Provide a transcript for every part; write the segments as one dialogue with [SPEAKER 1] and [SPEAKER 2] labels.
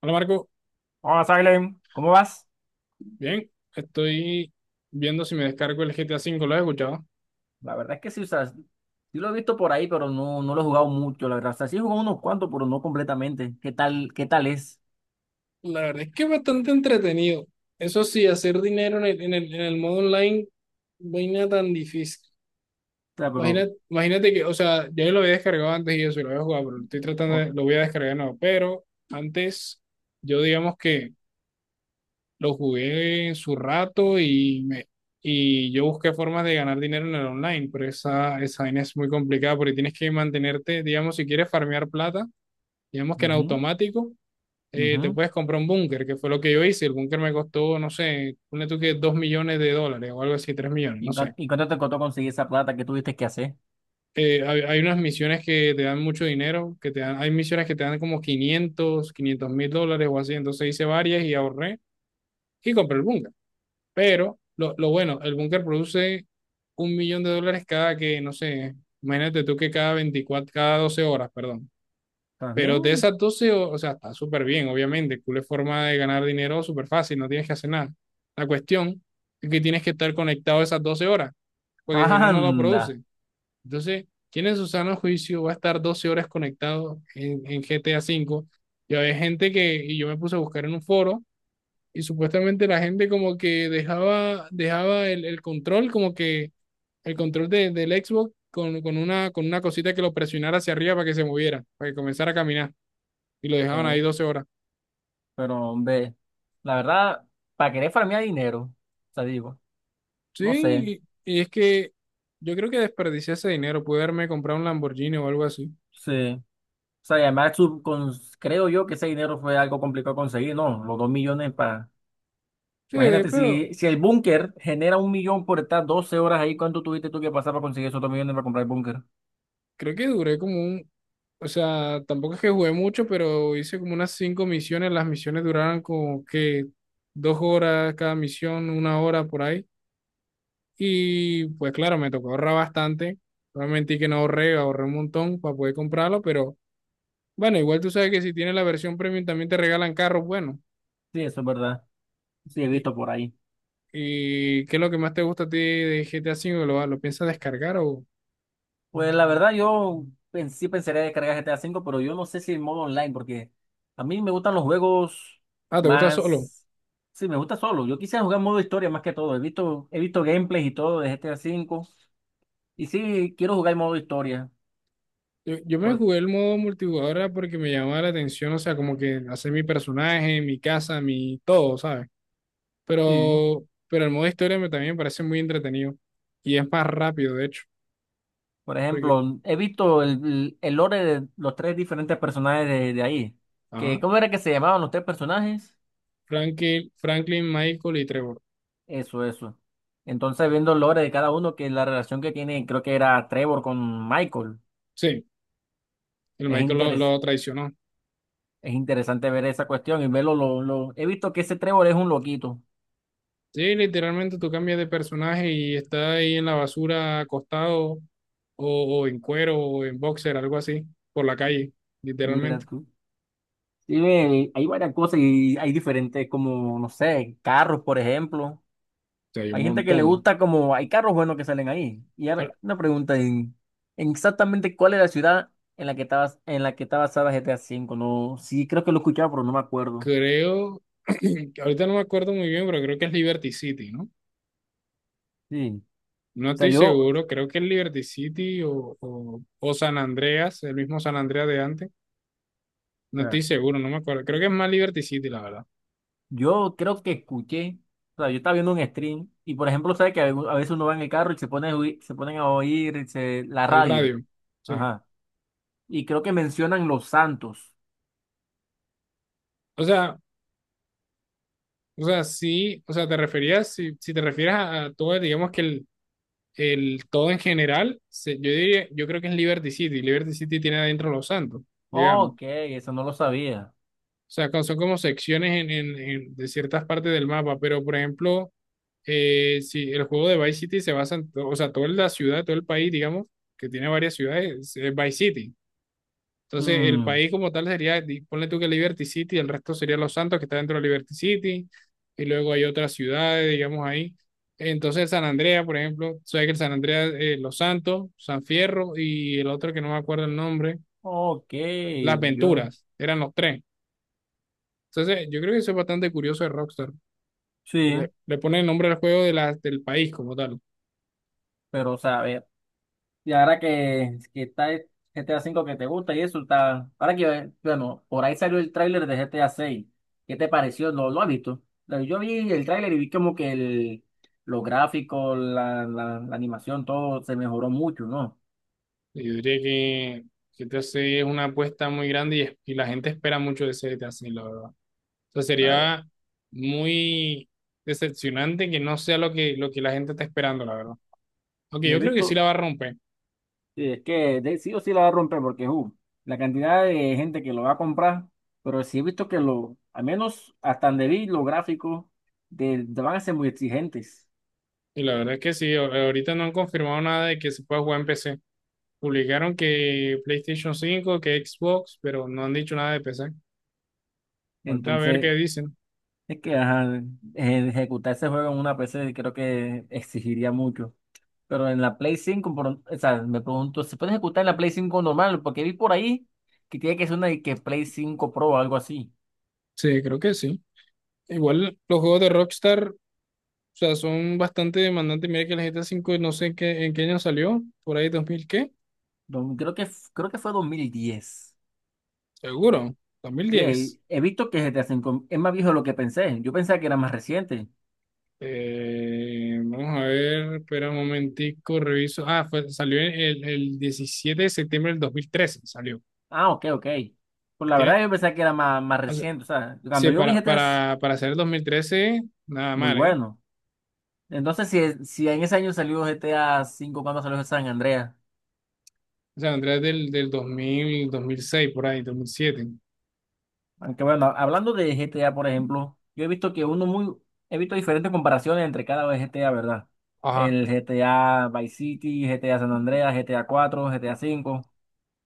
[SPEAKER 1] Hola Marco,
[SPEAKER 2] Hola, Salem, ¿cómo vas?
[SPEAKER 1] bien, estoy viendo si me descargo el GTA V, ¿lo has escuchado?
[SPEAKER 2] La verdad es que sí, o sea, sí lo he visto por ahí, pero no, no lo he jugado mucho, la verdad. O sea, sí he jugado unos cuantos, pero no completamente. Qué tal es?
[SPEAKER 1] La verdad es que es bastante entretenido. Eso sí, hacer dinero en el modo online, vaina tan difícil.
[SPEAKER 2] O sea, pero.
[SPEAKER 1] Imagínate que, o sea, yo lo había descargado antes y eso, y lo había jugado, pero lo estoy tratando
[SPEAKER 2] o-
[SPEAKER 1] de, lo voy a descargar no, pero antes yo digamos que lo jugué en su rato y me, y yo busqué formas de ganar dinero en el online, pero esa vaina es muy complicada porque tienes que mantenerte, digamos, si quieres farmear plata. Digamos que en
[SPEAKER 2] Ujú,
[SPEAKER 1] automático, te
[SPEAKER 2] ujú.
[SPEAKER 1] puedes comprar un búnker, que fue lo que yo hice. El búnker me costó, no sé, ponle tú que $2 millones o algo así, 3 millones, no
[SPEAKER 2] ¿Y,
[SPEAKER 1] sé.
[SPEAKER 2] y cuánto te costó conseguir esa plata que tuviste que hacer?
[SPEAKER 1] Hay unas misiones que te dan mucho dinero, que te dan, hay misiones que te dan como quinientos mil dólares o así. Entonces hice varias y ahorré y compré el búnker. Pero lo bueno, el búnker produce $1 millón cada que, no sé, imagínate tú que cada 24, cada 12 horas, perdón.
[SPEAKER 2] ¿Estás
[SPEAKER 1] Pero de
[SPEAKER 2] bien?
[SPEAKER 1] esas doce, o sea, está súper bien, obviamente. Cool es forma de ganar dinero súper fácil, no tienes que hacer nada. La cuestión es que tienes que estar conectado esas 12 horas, porque si no, no lo
[SPEAKER 2] Anda.
[SPEAKER 1] produce. Entonces, ¿quién en su sano juicio va a estar 12 horas conectado en GTA V? Y había gente que, y yo me puse a buscar en un foro, y supuestamente la gente como que dejaba el control, como que el control de, del Xbox con una cosita que lo presionara hacia arriba para que se moviera, para que comenzara a caminar y lo dejaban ahí
[SPEAKER 2] Oh,
[SPEAKER 1] 12 horas.
[SPEAKER 2] pero, hombre, la verdad, para querer farmear dinero, o sea, digo, no sé,
[SPEAKER 1] Sí, y es que yo creo que desperdicié ese dinero, pude haberme comprado un Lamborghini o algo así.
[SPEAKER 2] sí. O sea, y además, creo yo que ese dinero fue algo complicado de conseguir, ¿no? Los dos millones para.
[SPEAKER 1] Sí,
[SPEAKER 2] Imagínate,
[SPEAKER 1] pero
[SPEAKER 2] si el búnker genera un millón por estar 12 horas ahí, ¿cuánto tuviste tú que pasar para conseguir esos dos millones para comprar el búnker?
[SPEAKER 1] creo que duré como un, o sea, tampoco es que jugué mucho, pero hice como unas cinco misiones, las misiones duraron como que 2 horas cada misión, una hora por ahí. Y pues claro, me tocó ahorrar bastante. Obviamente que no ahorré, ahorré un montón para poder comprarlo, pero bueno, igual tú sabes que si tienes la versión premium también te regalan carros, bueno.
[SPEAKER 2] Sí, eso es verdad. Sí, he
[SPEAKER 1] Y,
[SPEAKER 2] visto por ahí.
[SPEAKER 1] ¿Y qué es lo que más te gusta a ti de GTA 5? ¿Lo piensas descargar o...?
[SPEAKER 2] Pues la verdad, yo sí pensaría descargar GTA V, pero yo no sé si el modo online, porque a mí me gustan los juegos
[SPEAKER 1] Ah, ¿te gusta solo?
[SPEAKER 2] más. Sí, me gusta solo. Yo quisiera jugar modo historia más que todo. He visto gameplays y todo de GTA V. Y sí, quiero jugar el modo historia.
[SPEAKER 1] Yo me
[SPEAKER 2] Por.
[SPEAKER 1] jugué el modo multijugador era porque me llamaba la atención, o sea, como que hacer mi personaje, mi casa, mi todo, ¿sabes?
[SPEAKER 2] Sí.
[SPEAKER 1] Pero el modo historia me, también me parece muy entretenido. Y es más rápido, de hecho,
[SPEAKER 2] Por
[SPEAKER 1] porque...
[SPEAKER 2] ejemplo, he visto el lore de los tres diferentes personajes de ahí. Que,
[SPEAKER 1] Ajá.
[SPEAKER 2] ¿cómo era que se llamaban los tres personajes?
[SPEAKER 1] Franklin, Franklin, Michael y Trevor.
[SPEAKER 2] Eso, eso. Entonces, viendo el lore de cada uno, que la relación que tiene, creo que era Trevor con Michael.
[SPEAKER 1] Sí, el
[SPEAKER 2] Es
[SPEAKER 1] Michael lo,
[SPEAKER 2] interes-
[SPEAKER 1] lo traicionó.
[SPEAKER 2] es interesante ver esa cuestión y verlo. He visto que ese Trevor es un loquito.
[SPEAKER 1] Sí, literalmente tú cambias de personaje y está ahí en la basura acostado o en cuero o en boxer, algo así, por la calle,
[SPEAKER 2] Mira
[SPEAKER 1] literalmente. O
[SPEAKER 2] tú. Sí, ve, hay varias cosas y hay diferentes, como, no sé, carros, por ejemplo.
[SPEAKER 1] sea, hay un
[SPEAKER 2] Hay gente que le
[SPEAKER 1] montón.
[SPEAKER 2] gusta como hay carros buenos que salen ahí. Y ahora
[SPEAKER 1] Ahora,
[SPEAKER 2] una pregunta en exactamente cuál es la ciudad en la que estabas en la que está basada GTA 5. No, sí creo que lo escuchaba, pero no me acuerdo.
[SPEAKER 1] creo, ahorita no me acuerdo muy bien, pero creo que es Liberty City, ¿no?
[SPEAKER 2] Sí.
[SPEAKER 1] No
[SPEAKER 2] O sea,
[SPEAKER 1] estoy seguro, creo que es Liberty City o San Andreas, el mismo San Andreas de antes. No
[SPEAKER 2] sea,
[SPEAKER 1] estoy seguro, no me acuerdo. Creo que es más Liberty City, la verdad.
[SPEAKER 2] yo creo que escuché, o sea, yo estaba viendo un stream y por ejemplo, sabes que a veces uno va en el carro y se ponen a oír la
[SPEAKER 1] El
[SPEAKER 2] radio.
[SPEAKER 1] radio, sí.
[SPEAKER 2] Ajá. Y creo que mencionan Los Santos.
[SPEAKER 1] O sea, o sea, sí, o sea, te referías, si te refieres a todo, digamos que el todo en general, yo diría, yo creo que es Liberty City. Liberty City tiene adentro Los Santos, digamos.
[SPEAKER 2] Ok, eso no lo sabía.
[SPEAKER 1] O sea, son como secciones en, de ciertas partes del mapa, pero por ejemplo, si el juego de Vice City se basa en, o sea, toda la ciudad, todo el país, digamos, que tiene varias ciudades, es Vice City. Entonces, el
[SPEAKER 2] Hmm,
[SPEAKER 1] país como tal sería, ponle tú que Liberty City, el resto sería Los Santos, que está dentro de Liberty City, y luego hay otras ciudades, digamos ahí. Entonces, San Andrea, por ejemplo, sabes que el San Andrea, Los Santos, San Fierro y el otro que no me acuerdo el nombre,
[SPEAKER 2] ok,
[SPEAKER 1] Las
[SPEAKER 2] yo.
[SPEAKER 1] Venturas, eran los tres. Entonces, yo creo que eso es bastante curioso de Rockstar.
[SPEAKER 2] Sí.
[SPEAKER 1] Le pone el nombre al juego de la, del país como tal.
[SPEAKER 2] Pero, o sea, a ver, y ahora que está el GTA 5 que te gusta y eso está. Ahora que, bueno, por ahí salió el tráiler de GTA 6. ¿Qué te pareció? Lo has visto? Yo vi el tráiler y vi como que los gráficos, la animación, todo se mejoró mucho, ¿no?
[SPEAKER 1] Y yo diría que, GTA 6 es una apuesta muy grande y, y la gente espera mucho de ese GTA 6, sea,
[SPEAKER 2] A ver.
[SPEAKER 1] sería muy decepcionante que no sea lo que, la gente está esperando, la verdad. Aunque
[SPEAKER 2] Y he
[SPEAKER 1] yo creo que sí
[SPEAKER 2] visto,
[SPEAKER 1] la va a romper.
[SPEAKER 2] sí, es que sí o sí la va a romper porque la cantidad de gente que lo va a comprar, pero sí he visto que lo, al menos hasta donde vi los gráficos, de van a ser muy exigentes.
[SPEAKER 1] Y la verdad es que sí, ahorita no han confirmado nada de que se pueda jugar en PC. Publicaron que PlayStation 5, que Xbox, pero no han dicho nada de PC. Falta ver qué
[SPEAKER 2] Entonces.
[SPEAKER 1] dicen.
[SPEAKER 2] Es que ajá, ejecutar ese juego en una PC creo que exigiría mucho. Pero en la Play 5 o sea, me pregunto, ¿se puede ejecutar en la Play 5 normal? Porque vi por ahí que tiene que ser una de que Play 5 Pro o algo así.
[SPEAKER 1] Sí, creo que sí. Igual los juegos de Rockstar, o sea, son bastante demandantes. Mira que el GTA 5 no sé en qué, año salió, por ahí 2000 ¿qué?
[SPEAKER 2] Creo que, creo que fue 2010.
[SPEAKER 1] Seguro, dos mil
[SPEAKER 2] Sí,
[SPEAKER 1] diez
[SPEAKER 2] he visto que GTA 5 es más viejo de lo que pensé. Yo pensaba que era más reciente.
[SPEAKER 1] Vamos a ver, espera un momentico, reviso. Ah, salió el, 17 de septiembre del 2013, salió.
[SPEAKER 2] Ah, ok, ok. Pues la
[SPEAKER 1] Tiene,
[SPEAKER 2] verdad yo pensaba que era más, más
[SPEAKER 1] o sea,
[SPEAKER 2] reciente. O sea, cuando
[SPEAKER 1] sí,
[SPEAKER 2] yo vi
[SPEAKER 1] para,
[SPEAKER 2] GTA es
[SPEAKER 1] para, para hacer el 2013, nada
[SPEAKER 2] muy
[SPEAKER 1] mal, ¿eh?
[SPEAKER 2] bueno. Entonces, si en ese año salió GTA 5, ¿cuándo salió San Andreas?
[SPEAKER 1] O sea, Andrés del, dos, dos mil, 2006 por ahí, 2007.
[SPEAKER 2] Aunque bueno, hablando de GTA, por ejemplo, yo he visto he visto diferentes comparaciones entre cada GTA, ¿verdad?
[SPEAKER 1] Ajá,
[SPEAKER 2] El GTA Vice City, GTA San Andreas, GTA 4, GTA 5.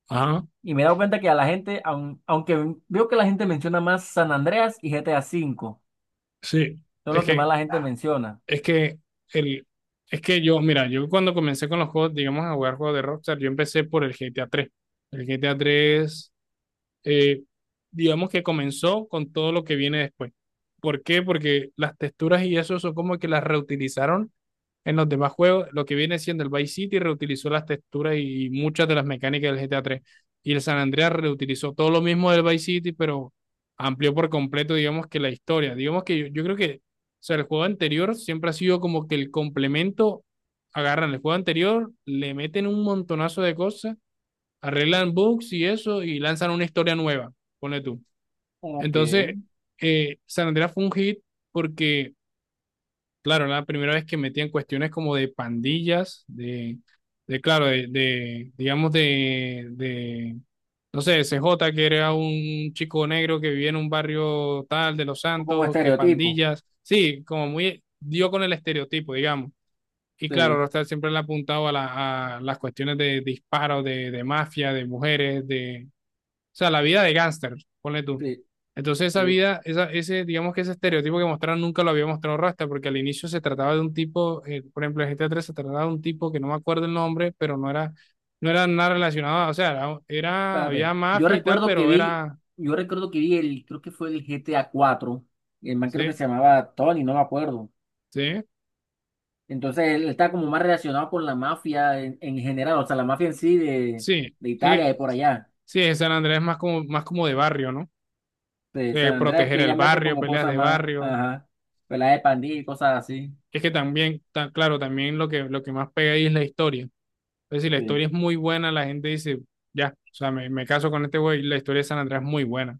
[SPEAKER 1] ajá,
[SPEAKER 2] Y me he dado cuenta que a la gente, aunque veo que la gente menciona más San Andreas y GTA 5,
[SPEAKER 1] sí.
[SPEAKER 2] son
[SPEAKER 1] Es
[SPEAKER 2] lo que más
[SPEAKER 1] que,
[SPEAKER 2] la gente menciona.
[SPEAKER 1] es que, el, es que yo, mira, yo cuando comencé con los juegos, digamos, a jugar juegos de Rockstar, yo empecé por el GTA 3. El GTA 3, eh, digamos que comenzó con todo lo que viene después. ¿Por qué? Porque las texturas y eso son como que las reutilizaron en los demás juegos. Lo que viene siendo el Vice City reutilizó las texturas y muchas de las mecánicas del GTA 3. Y el San Andreas reutilizó todo lo mismo del Vice City, pero amplió por completo, digamos que la historia. Digamos que yo creo que, o sea, el juego anterior siempre ha sido como que el complemento, agarran el juego anterior, le meten un montonazo de cosas, arreglan bugs y eso y lanzan una historia nueva, ponle tú.
[SPEAKER 2] Ok,
[SPEAKER 1] Entonces, San Andreas fue un hit porque, claro, era la primera vez que metían cuestiones como de pandillas, de, claro, de, digamos, de, no sé, C J que era un chico negro que vivía en un barrio tal de Los
[SPEAKER 2] o como
[SPEAKER 1] Santos, que
[SPEAKER 2] estereotipo.
[SPEAKER 1] pandillas, sí, como muy, dio con el estereotipo, digamos. Y claro,
[SPEAKER 2] Sí,
[SPEAKER 1] Rostar siempre le ha apuntado a, la, a las cuestiones de disparos, de, mafia, de mujeres, de, o sea, la vida de gángster, ponle tú.
[SPEAKER 2] sí.
[SPEAKER 1] Entonces esa
[SPEAKER 2] Eh,
[SPEAKER 1] vida, esa, ese, digamos que ese estereotipo que mostraron nunca lo había mostrado Rasta, porque al inicio se trataba de un tipo, por ejemplo, en GTA 3 se trataba de un tipo que no me acuerdo el nombre, pero no era, nada relacionado, o sea, era, había
[SPEAKER 2] Espérate.
[SPEAKER 1] mafia y tal, pero era,
[SPEAKER 2] Yo recuerdo que vi el, creo que fue el GTA 4. El man creo que
[SPEAKER 1] sí,
[SPEAKER 2] se llamaba Tony, no me acuerdo.
[SPEAKER 1] sí,
[SPEAKER 2] Entonces él está como más relacionado con la mafia en general, o sea, la mafia en sí de,
[SPEAKER 1] sí.
[SPEAKER 2] de Italia
[SPEAKER 1] Que-
[SPEAKER 2] y por allá.
[SPEAKER 1] Sí, en San Andrés es más como de barrio, ¿no?
[SPEAKER 2] De San Andrés,
[SPEAKER 1] Proteger
[SPEAKER 2] que
[SPEAKER 1] el
[SPEAKER 2] ya meten
[SPEAKER 1] barrio,
[SPEAKER 2] como
[SPEAKER 1] peleas
[SPEAKER 2] cosas
[SPEAKER 1] de
[SPEAKER 2] más,
[SPEAKER 1] barrio.
[SPEAKER 2] ajá, peladas de pandilla y cosas así.
[SPEAKER 1] Es que también, claro, también lo que, más pega ahí es la historia. Entonces, si la
[SPEAKER 2] Sí.
[SPEAKER 1] historia es muy buena, la gente dice, ya, o sea, me caso con este güey, la historia de San Andreas es muy buena.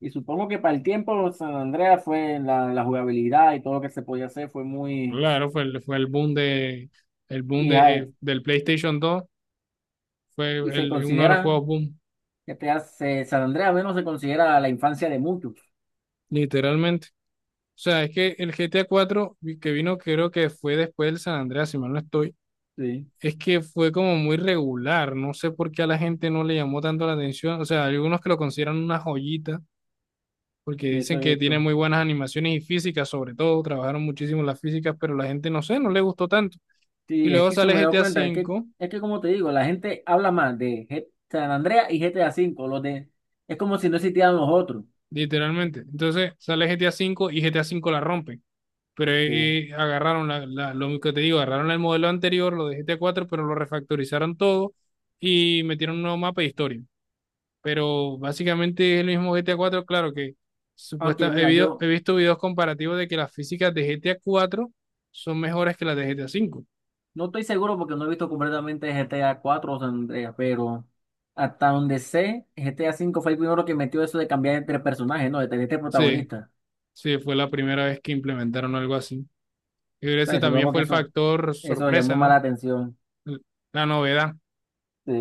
[SPEAKER 2] Y supongo que para el tiempo San Andrés fue la, la jugabilidad y todo lo que se podía hacer fue muy.
[SPEAKER 1] Claro, fue el boom de,
[SPEAKER 2] Y, ja-
[SPEAKER 1] del PlayStation 2, fue
[SPEAKER 2] y se
[SPEAKER 1] el, uno de los
[SPEAKER 2] considera,
[SPEAKER 1] juegos boom,
[SPEAKER 2] que te hace, San Andrés al menos se considera la infancia de muchos.
[SPEAKER 1] literalmente. O sea, es que el GTA 4 que vino, creo que fue después del San Andreas, si mal no estoy,
[SPEAKER 2] Sí,
[SPEAKER 1] es que fue como muy regular, no sé por qué a la gente no le llamó tanto la atención, o sea, hay algunos que lo consideran una joyita porque
[SPEAKER 2] de eso
[SPEAKER 1] dicen
[SPEAKER 2] he
[SPEAKER 1] que tiene
[SPEAKER 2] visto.
[SPEAKER 1] muy buenas animaciones y físicas, sobre todo, trabajaron muchísimo las físicas, pero la gente no sé, no le gustó tanto. Y
[SPEAKER 2] Sí, es
[SPEAKER 1] luego
[SPEAKER 2] que eso
[SPEAKER 1] sale
[SPEAKER 2] me he dado
[SPEAKER 1] GTA
[SPEAKER 2] cuenta,
[SPEAKER 1] V,
[SPEAKER 2] es que como te digo, la gente habla más de San Andreas y GTA V, los de, es como si no existieran los otros.
[SPEAKER 1] literalmente. Entonces sale GTA V y GTA V la rompen. Pero
[SPEAKER 2] Sí.
[SPEAKER 1] agarraron la, lo que te digo, agarraron el modelo anterior, lo de GTA 4, pero lo refactorizaron todo y metieron un nuevo mapa de historia. Pero básicamente es el mismo GTA 4, claro que
[SPEAKER 2] Aunque mira,
[SPEAKER 1] he
[SPEAKER 2] yo
[SPEAKER 1] visto videos comparativos de que las físicas de GTA 4 son mejores que las de GTA 5.
[SPEAKER 2] no estoy seguro porque no he visto completamente GTA 4 o San Andreas, pero hasta donde sé, GTA 5 fue el primero que metió eso de cambiar entre personajes, ¿no? De tener este
[SPEAKER 1] Sí,
[SPEAKER 2] protagonista.
[SPEAKER 1] sí, fue la primera vez que implementaron algo así. Y
[SPEAKER 2] O sea,
[SPEAKER 1] ese
[SPEAKER 2] y
[SPEAKER 1] también
[SPEAKER 2] supongo
[SPEAKER 1] fue
[SPEAKER 2] que
[SPEAKER 1] el
[SPEAKER 2] eso,
[SPEAKER 1] factor
[SPEAKER 2] eso llamó
[SPEAKER 1] sorpresa,
[SPEAKER 2] más
[SPEAKER 1] ¿no?
[SPEAKER 2] la atención.
[SPEAKER 1] L- La novedad.
[SPEAKER 2] Sí.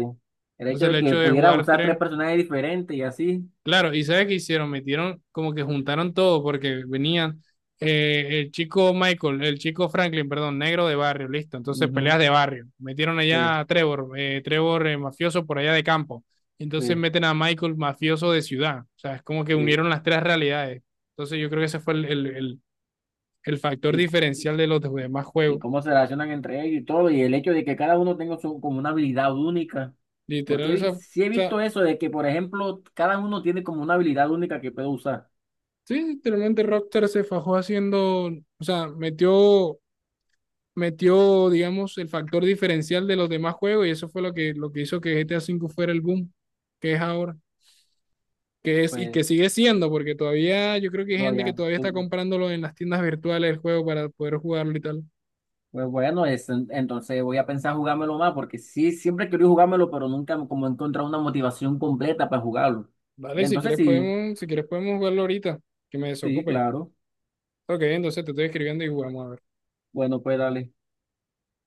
[SPEAKER 2] El hecho
[SPEAKER 1] Entonces el
[SPEAKER 2] de que
[SPEAKER 1] hecho de
[SPEAKER 2] pudieras
[SPEAKER 1] jugar
[SPEAKER 2] usar
[SPEAKER 1] tres.
[SPEAKER 2] tres personajes diferentes y así.
[SPEAKER 1] Claro, ¿y sabes qué hicieron? Metieron, como que juntaron todo, porque venían, el chico Michael, el chico Franklin, perdón, negro de barrio, listo. Entonces peleas
[SPEAKER 2] Ujú.
[SPEAKER 1] de barrio. Metieron allá
[SPEAKER 2] Sí,
[SPEAKER 1] a Trevor, Trevor, mafioso por allá de campo. Entonces
[SPEAKER 2] sí,
[SPEAKER 1] meten a Michael, mafioso de ciudad. O sea, es como que
[SPEAKER 2] sí.
[SPEAKER 1] unieron las tres realidades. Entonces yo creo que ese fue el, el factor
[SPEAKER 2] Y-
[SPEAKER 1] diferencial de los demás
[SPEAKER 2] y
[SPEAKER 1] juegos.
[SPEAKER 2] cómo se relacionan entre ellos y todo, y el hecho de que cada uno tenga su, como una habilidad única. Porque
[SPEAKER 1] Literal, esa, o
[SPEAKER 2] sí he
[SPEAKER 1] sea,
[SPEAKER 2] visto eso de que, por ejemplo, cada uno tiene como una habilidad única que puede usar.
[SPEAKER 1] sí, literalmente Rockstar se fajó haciendo, o sea, metió, metió, digamos, el factor diferencial de los demás juegos y eso fue lo que, hizo que GTA V fuera el boom que es ahora, que es y
[SPEAKER 2] Pues,
[SPEAKER 1] que sigue siendo, porque todavía yo creo que hay
[SPEAKER 2] no,
[SPEAKER 1] gente que
[SPEAKER 2] ya,
[SPEAKER 1] todavía está comprándolo en las tiendas virtuales el juego para poder jugarlo y tal.
[SPEAKER 2] pues bueno, entonces voy a pensar jugármelo más, porque sí, siempre he querido jugármelo, pero nunca como he encontrado una motivación completa para jugarlo.
[SPEAKER 1] Vale, si
[SPEAKER 2] Entonces
[SPEAKER 1] quieres
[SPEAKER 2] sí,
[SPEAKER 1] podemos, jugarlo ahorita, que me
[SPEAKER 2] sí,
[SPEAKER 1] desocupe.
[SPEAKER 2] claro.
[SPEAKER 1] Ok, entonces te estoy escribiendo y jugamos a ver.
[SPEAKER 2] Bueno, pues dale.